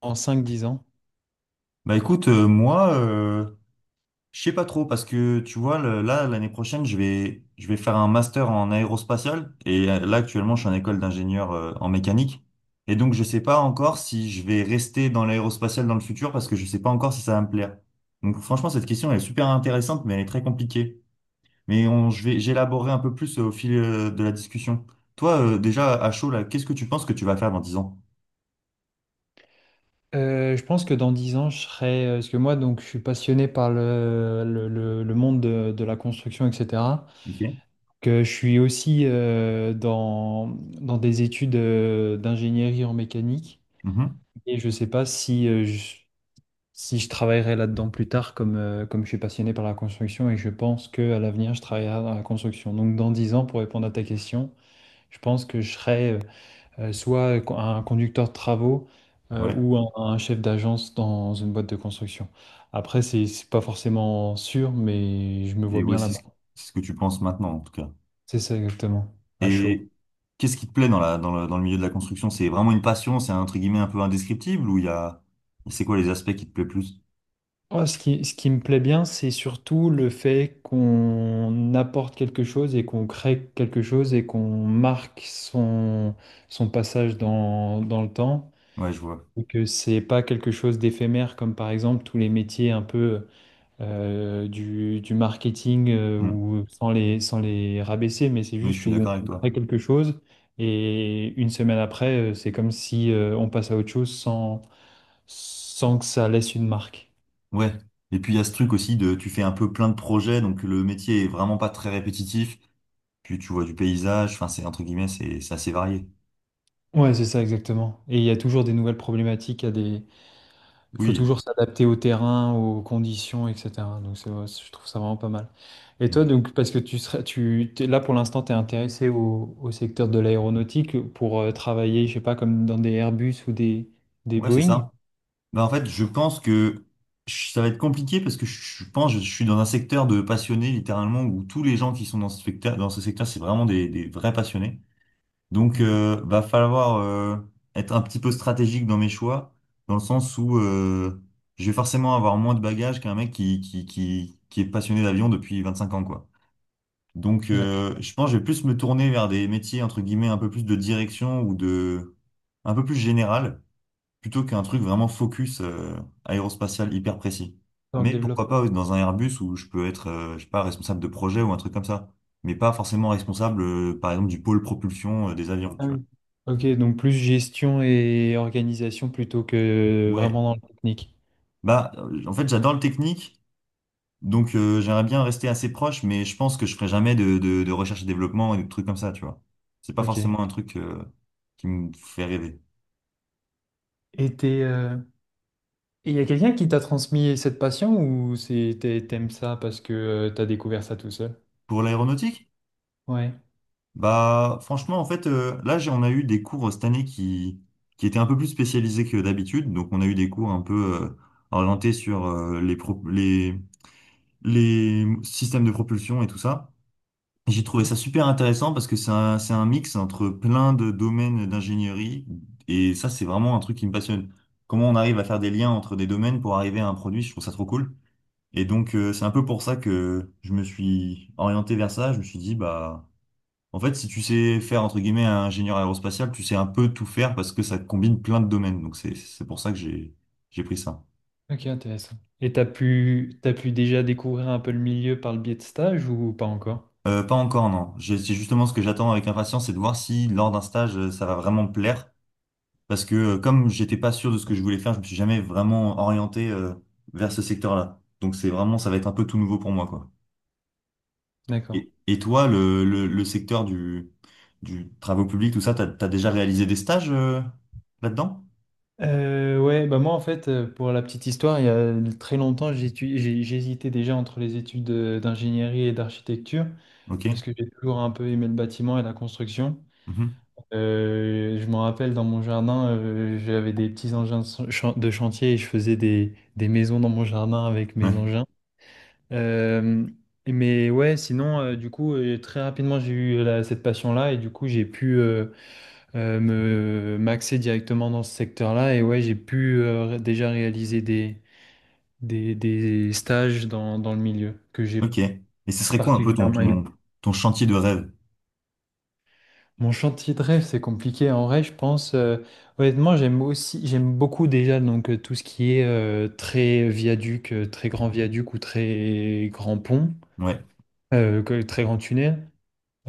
En cinq dix ans. Bah écoute, moi, je sais pas trop parce que tu vois, là, l'année prochaine, je vais faire un master en aérospatial et là, actuellement, je suis en école d'ingénieur en mécanique. Et donc, je sais pas encore si je vais rester dans l'aérospatial dans le futur parce que je sais pas encore si ça va me plaire. Donc, franchement, cette question elle est super intéressante, mais elle est très compliquée. J'élaborerai un peu plus au fil de la discussion. Toi, déjà, à chaud, là, qu'est-ce que tu penses que tu vas faire dans 10 ans? Je pense que dans 10 ans, je serai. Parce que moi, donc, je suis passionné par le monde de la construction, etc. Ok. Que je suis aussi dans des études d'ingénierie en mécanique. Mhm. Et je ne sais pas si je travaillerai là-dedans plus tard, comme je suis passionné par la construction. Et je pense qu'à l'avenir, je travaillerai dans la construction. Donc, dans 10 ans, pour répondre à ta question, je pense que je serai. Soit un conducteur de travaux Ouais. ou un chef d'agence dans une boîte de construction. Après, c'est pas forcément sûr, mais je me Et vois ouais, bien là-bas. c'est ce que tu penses maintenant, en tout cas. C'est ça exactement, à chaud. Et qu'est-ce qui te plaît dans le milieu de la construction? C'est vraiment une passion, entre guillemets un peu indescriptible ou il y a, c'est quoi les aspects qui te plaît plus? Moi, ce qui me plaît bien, c'est surtout le fait qu'on apporte quelque chose et qu'on crée quelque chose et qu'on marque son passage dans le temps. Ouais, je vois. Et que c'est pas quelque chose d'éphémère, comme par exemple tous les métiers un peu du marketing Mm. ou sans les rabaisser, mais c'est Oui, je juste suis où d'accord avec on toi. crée quelque chose et une semaine après, c'est comme si on passe à autre chose sans que ça laisse une marque. Ouais. Et puis il y a ce truc aussi de, tu fais un peu plein de projets, donc le métier est vraiment pas très répétitif. Puis tu vois du paysage, enfin c'est entre guillemets, c'est assez varié. Ouais, c'est ça exactement. Et il y a toujours des nouvelles faut Oui. toujours s'adapter au terrain, aux conditions, etc. Je trouve ça vraiment pas mal. Et Mm. toi, donc, parce que tu serais, tu, t'es- là pour l'instant, tu es intéressé au secteur de l'aéronautique pour travailler, je sais pas, comme dans des Airbus ou des Ouais, c'est Boeing. ça. Ben, en fait, je pense que ça va être compliqué parce que je pense que je suis dans un secteur de passionnés littéralement où tous les gens qui sont dans ce secteur, c'est vraiment des vrais passionnés. Donc, Mhm. Va falloir être un petit peu stratégique dans mes choix, dans le sens où je vais forcément avoir moins de bagages qu'un mec qui est passionné d'avion depuis 25 ans, quoi. Donc, Ouais, je pense que je vais plus me tourner vers des métiers, entre guillemets, un peu plus de direction un peu plus général, plutôt qu'un truc vraiment focus aérospatial hyper précis. dans le Mais pourquoi pas développement. Dans un Airbus où je peux être, je sais pas, responsable de projet ou un truc comme ça. Mais pas forcément responsable, par exemple, du pôle propulsion des avions, Ah tu vois. oui. Ok, donc plus gestion et organisation plutôt que Ouais, vraiment dans le technique. bah en fait j'adore le technique, donc j'aimerais bien rester assez proche, mais je pense que je ferai jamais de recherche et développement et de trucs comme ça, tu vois. C'est pas Ok. forcément un truc qui me fait rêver. Et y a quelqu'un qui t'a transmis cette passion ou t'aimes ça parce que tu as découvert ça tout seul? Pour l'aéronautique, Ouais. bah franchement en fait là on a eu des cours cette année qui étaient un peu plus spécialisés que d'habitude, donc on a eu des cours un peu orientés sur les systèmes de propulsion et tout ça. J'ai trouvé ça super intéressant parce que c'est un mix entre plein de domaines d'ingénierie et ça, c'est vraiment un truc qui me passionne. Comment on arrive à faire des liens entre des domaines pour arriver à un produit, je trouve ça trop cool. Et donc, c'est un peu pour ça que je me suis orienté vers ça. Je me suis dit, bah, en fait, si tu sais faire, entre guillemets, un ingénieur aérospatial, tu sais un peu tout faire parce que ça combine plein de domaines. Donc, c'est pour ça que j'ai pris ça. Ok, intéressant. Et t'as pu déjà découvrir un peu le milieu par le biais de stage ou pas encore? Pas encore, non. C'est justement ce que j'attends avec impatience, c'est de voir si lors d'un stage, ça va vraiment me plaire. Parce que comme j'étais pas sûr de ce que je voulais faire, je me suis jamais vraiment orienté vers ce secteur-là. Donc c'est vraiment, ça va être un peu tout nouveau pour moi, quoi. D'accord. Et toi, le secteur du travaux publics, tout ça, t'as déjà réalisé des stages là-dedans? Ouais, bah moi en fait, pour la petite histoire, il y a très longtemps, j'hésitais déjà entre les études d'ingénierie et d'architecture Ok. parce que j'ai toujours un peu aimé le bâtiment et la construction. Mhm. Je me rappelle dans mon jardin, j'avais des petits engins de chantier et je faisais des maisons dans mon jardin avec mes Ouais. engins. Euh, mais ouais, sinon, du coup, très rapidement, j'ai eu cette passion-là et du coup, j'ai pu me m'axer directement dans ce secteur-là. Et ouais, j'ai pu déjà réaliser des stages dans le milieu que j'ai Ok. Et ce serait quoi un peu ton, particulièrement aimé. ton, ton chantier de rêve? Mon chantier de rêve, c'est compliqué. En vrai, je pense, honnêtement, j'aime beaucoup déjà donc, tout ce qui est très viaduc, très grand viaduc ou très grand pont, Ouais, très grand tunnel.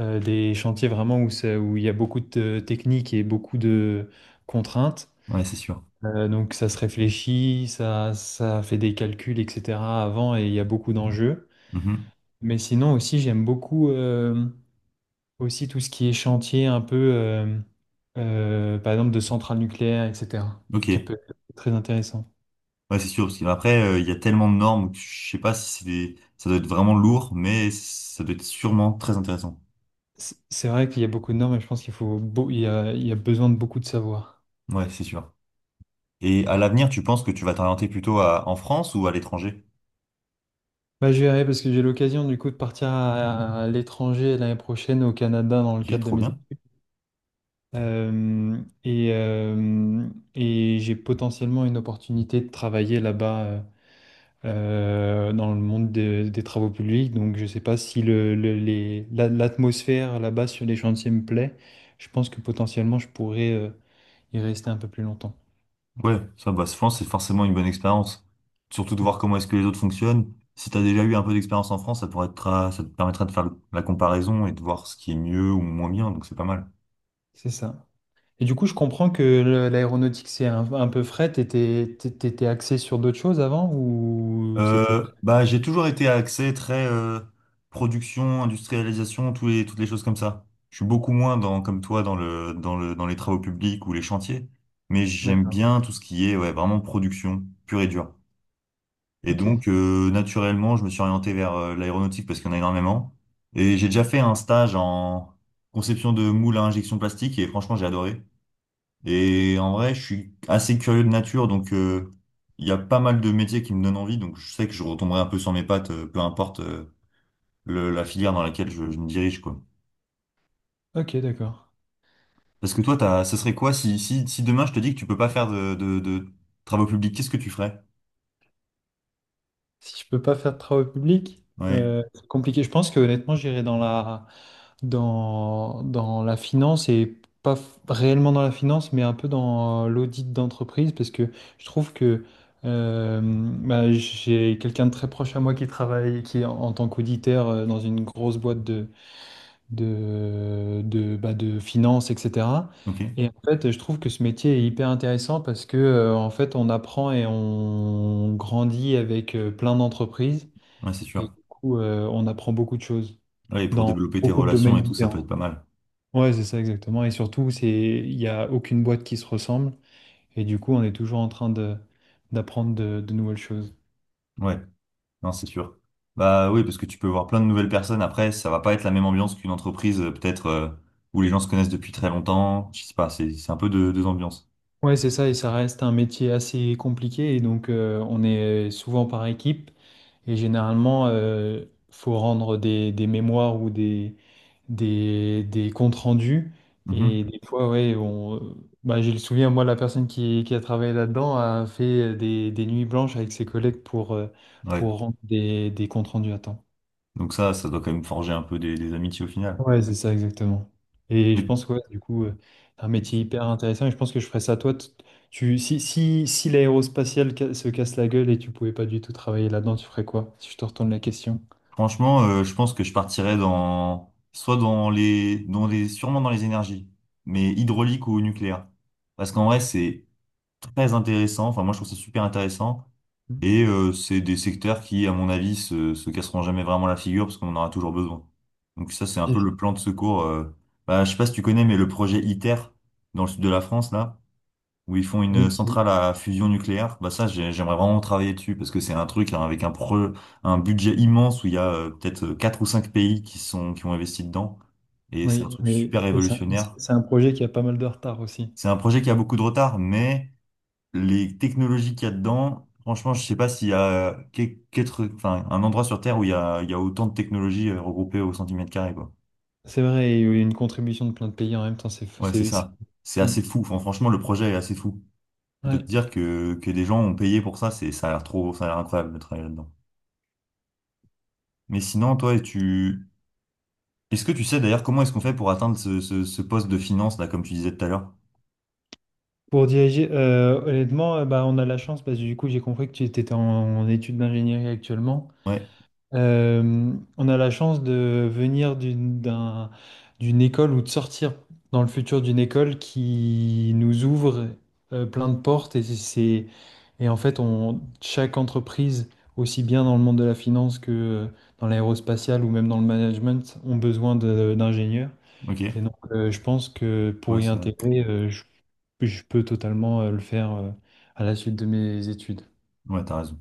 Des chantiers vraiment où il y a beaucoup de techniques et beaucoup de contraintes. ouais, c'est sûr. Donc ça se réfléchit, ça fait des calculs, etc. avant, et il y a beaucoup d'enjeux. Mhm. Mais sinon aussi, j'aime beaucoup aussi tout ce qui est chantier un peu, par exemple, de centrales nucléaires, etc., Ok. qui peut être très intéressant. Ouais, c'est sûr, parce qu'après, il y a tellement de normes que je sais pas. Si c'est des... Ça doit être vraiment lourd, mais ça doit être sûrement très intéressant. C'est vrai qu'il y a beaucoup de normes et je pense qu'il faut, beau- il y a besoin de beaucoup de savoir. Ouais, c'est sûr. Et à l'avenir, tu penses que tu vas t'orienter plutôt en France ou à l'étranger? Bah, je verrai parce que j'ai l'occasion du coup de partir à l'étranger l'année prochaine au Canada dans le Ok, cadre de trop mes bien. études. Euh, et euh, et j'ai potentiellement une opportunité de travailler là-bas dans le monde des travaux publics. Donc je ne sais pas si l'atmosphère là-bas sur les chantiers me plaît. Je pense que potentiellement je pourrais y rester un peu plus longtemps. Ouais, ça, bah, je pense que c'est forcément une bonne expérience. Surtout de voir Mm. comment est-ce que les autres fonctionnent. Si tu as déjà eu un peu d'expérience en France, ça pourrait être, ça te permettra de faire la comparaison et de voir ce qui est mieux ou moins bien, donc c'est pas mal. C'est ça. Et du coup, je comprends que l'aéronautique, c'est un peu fret. T'étais axé sur d'autres choses avant ou c'était... Bah, j'ai toujours été axé très production, industrialisation, toutes les choses comme ça. Je suis beaucoup moins dans, comme toi dans les travaux publics ou les chantiers, mais j'aime D'accord. bien tout ce qui est ouais, vraiment production pure et dure. Et Ok. donc, naturellement, je me suis orienté vers l'aéronautique parce qu'il y en a énormément. Et j'ai déjà fait un stage en conception de moules à injection plastique et franchement, j'ai adoré. Et en vrai, je suis assez curieux de nature, donc il y a pas mal de métiers qui me donnent envie, donc je sais que je retomberai un peu sur mes pattes, peu importe la filière dans laquelle je me dirige, quoi. Ok, d'accord. Parce que toi, ce serait quoi si demain je te dis que tu peux pas faire de travaux publics, qu'est-ce que tu ferais? Si je peux pas faire de travaux publics, Ouais, c'est compliqué. Je pense que honnêtement, j'irai dans la finance et pas f- réellement dans la finance, mais un peu dans l'audit d'entreprise parce que je trouve que bah, j'ai quelqu'un de très proche à moi qui travaille, qui est en tant qu'auditeur dans une grosse boîte de bah, de finances, etc. ok, ouais, Et en fait, je trouve que ce métier est hyper intéressant parce que, en fait, on apprend et on grandit avec plein d'entreprises. c'est sûr. Et du coup, on apprend beaucoup de choses Ouais, et pour dans développer tes beaucoup de relations domaines et tout, ça peut différents. être pas mal. Ouais, c'est ça exactement. Et surtout, c'est, il n'y a aucune boîte qui se ressemble. Et du coup, on est toujours en train d'apprendre de nouvelles choses. Ouais. Non, c'est sûr. Bah oui, parce que tu peux voir plein de nouvelles personnes. Après, ça va pas être la même ambiance qu'une entreprise, peut-être, où les gens se connaissent depuis très longtemps. Je sais pas, c'est un peu deux ambiances. Ouais, c'est ça, et ça reste un métier assez compliqué, et donc on est souvent par équipe, et généralement, faut rendre des mémoires ou des comptes rendus, Mhm. et des fois, ouais, on, bah, j'ai le souvenir, moi, la personne qui a travaillé là-dedans a fait des nuits blanches avec ses collègues Ouais. pour rendre des comptes rendus à temps. Donc ça doit quand même forger un peu des amitiés au final. Ouais, c'est ça, exactement. Et je Mais pense que ouais, du coup, c'est un et métier tu- hyper intéressant et je pense que je ferais ça Tu, si l'aérospatiale se casse la gueule et tu pouvais pas du tout travailler là-dedans, tu ferais quoi? Si je te retourne la question. franchement, je pense que je partirais dans soit dans les sûrement dans les énergies, mais hydraulique ou nucléaire. Parce qu'en vrai, c'est très intéressant. Enfin, moi, je trouve ça super intéressant. Hmm. Et c'est des secteurs qui, à mon avis, se casseront jamais vraiment la figure parce qu'on en aura toujours besoin. Donc ça, c'est un peu le plan de secours. Bah, je sais pas si tu connais, mais le projet ITER dans le sud de la France, là, où ils font une Oui, centrale qui- à fusion nucléaire, bah ça, j'aimerais vraiment travailler dessus parce que c'est un truc hein, avec un budget immense où il y a peut-être quatre ou cinq pays qui ont investi dedans. Et c'est un oui, truc oui. super Et révolutionnaire. c'est un projet qui a pas mal de retard aussi. C'est un projet qui a beaucoup de retard, mais les technologies qu'il y a dedans, franchement, je sais pas s'il y a enfin, un endroit sur Terre où il y a autant de technologies regroupées au centimètre carré, quoi. C'est vrai, il y a eu une contribution de plein de pays en même temps, Ouais, c'est c'est... ça. C'est Hmm. assez fou. Enfin, franchement, le projet est assez fou. De te Ouais. dire que des gens ont payé pour ça, ça a l'air trop, ça a l'air incroyable de travailler là-dedans. Mais sinon, toi, est-ce que tu sais d'ailleurs comment est-ce qu'on fait pour atteindre ce poste de finance, là, comme tu disais tout à l'heure? Pour diriger, honnêtement, bah, on a la chance parce que du coup, j'ai compris que tu étais en études d'ingénierie actuellement. Ouais, Euh, on a la chance de venir d'une école ou de sortir dans le futur d'une école qui nous ouvre plein de portes, et c'est et en fait on chaque entreprise aussi bien dans le monde de la finance que dans l'aérospatiale ou même dans le management ont besoin d'ingénieurs, ok. et donc je pense que pour Ouais, y c'est vrai. intégrer je peux totalement le faire à la suite de mes études. Ouais, t'as raison.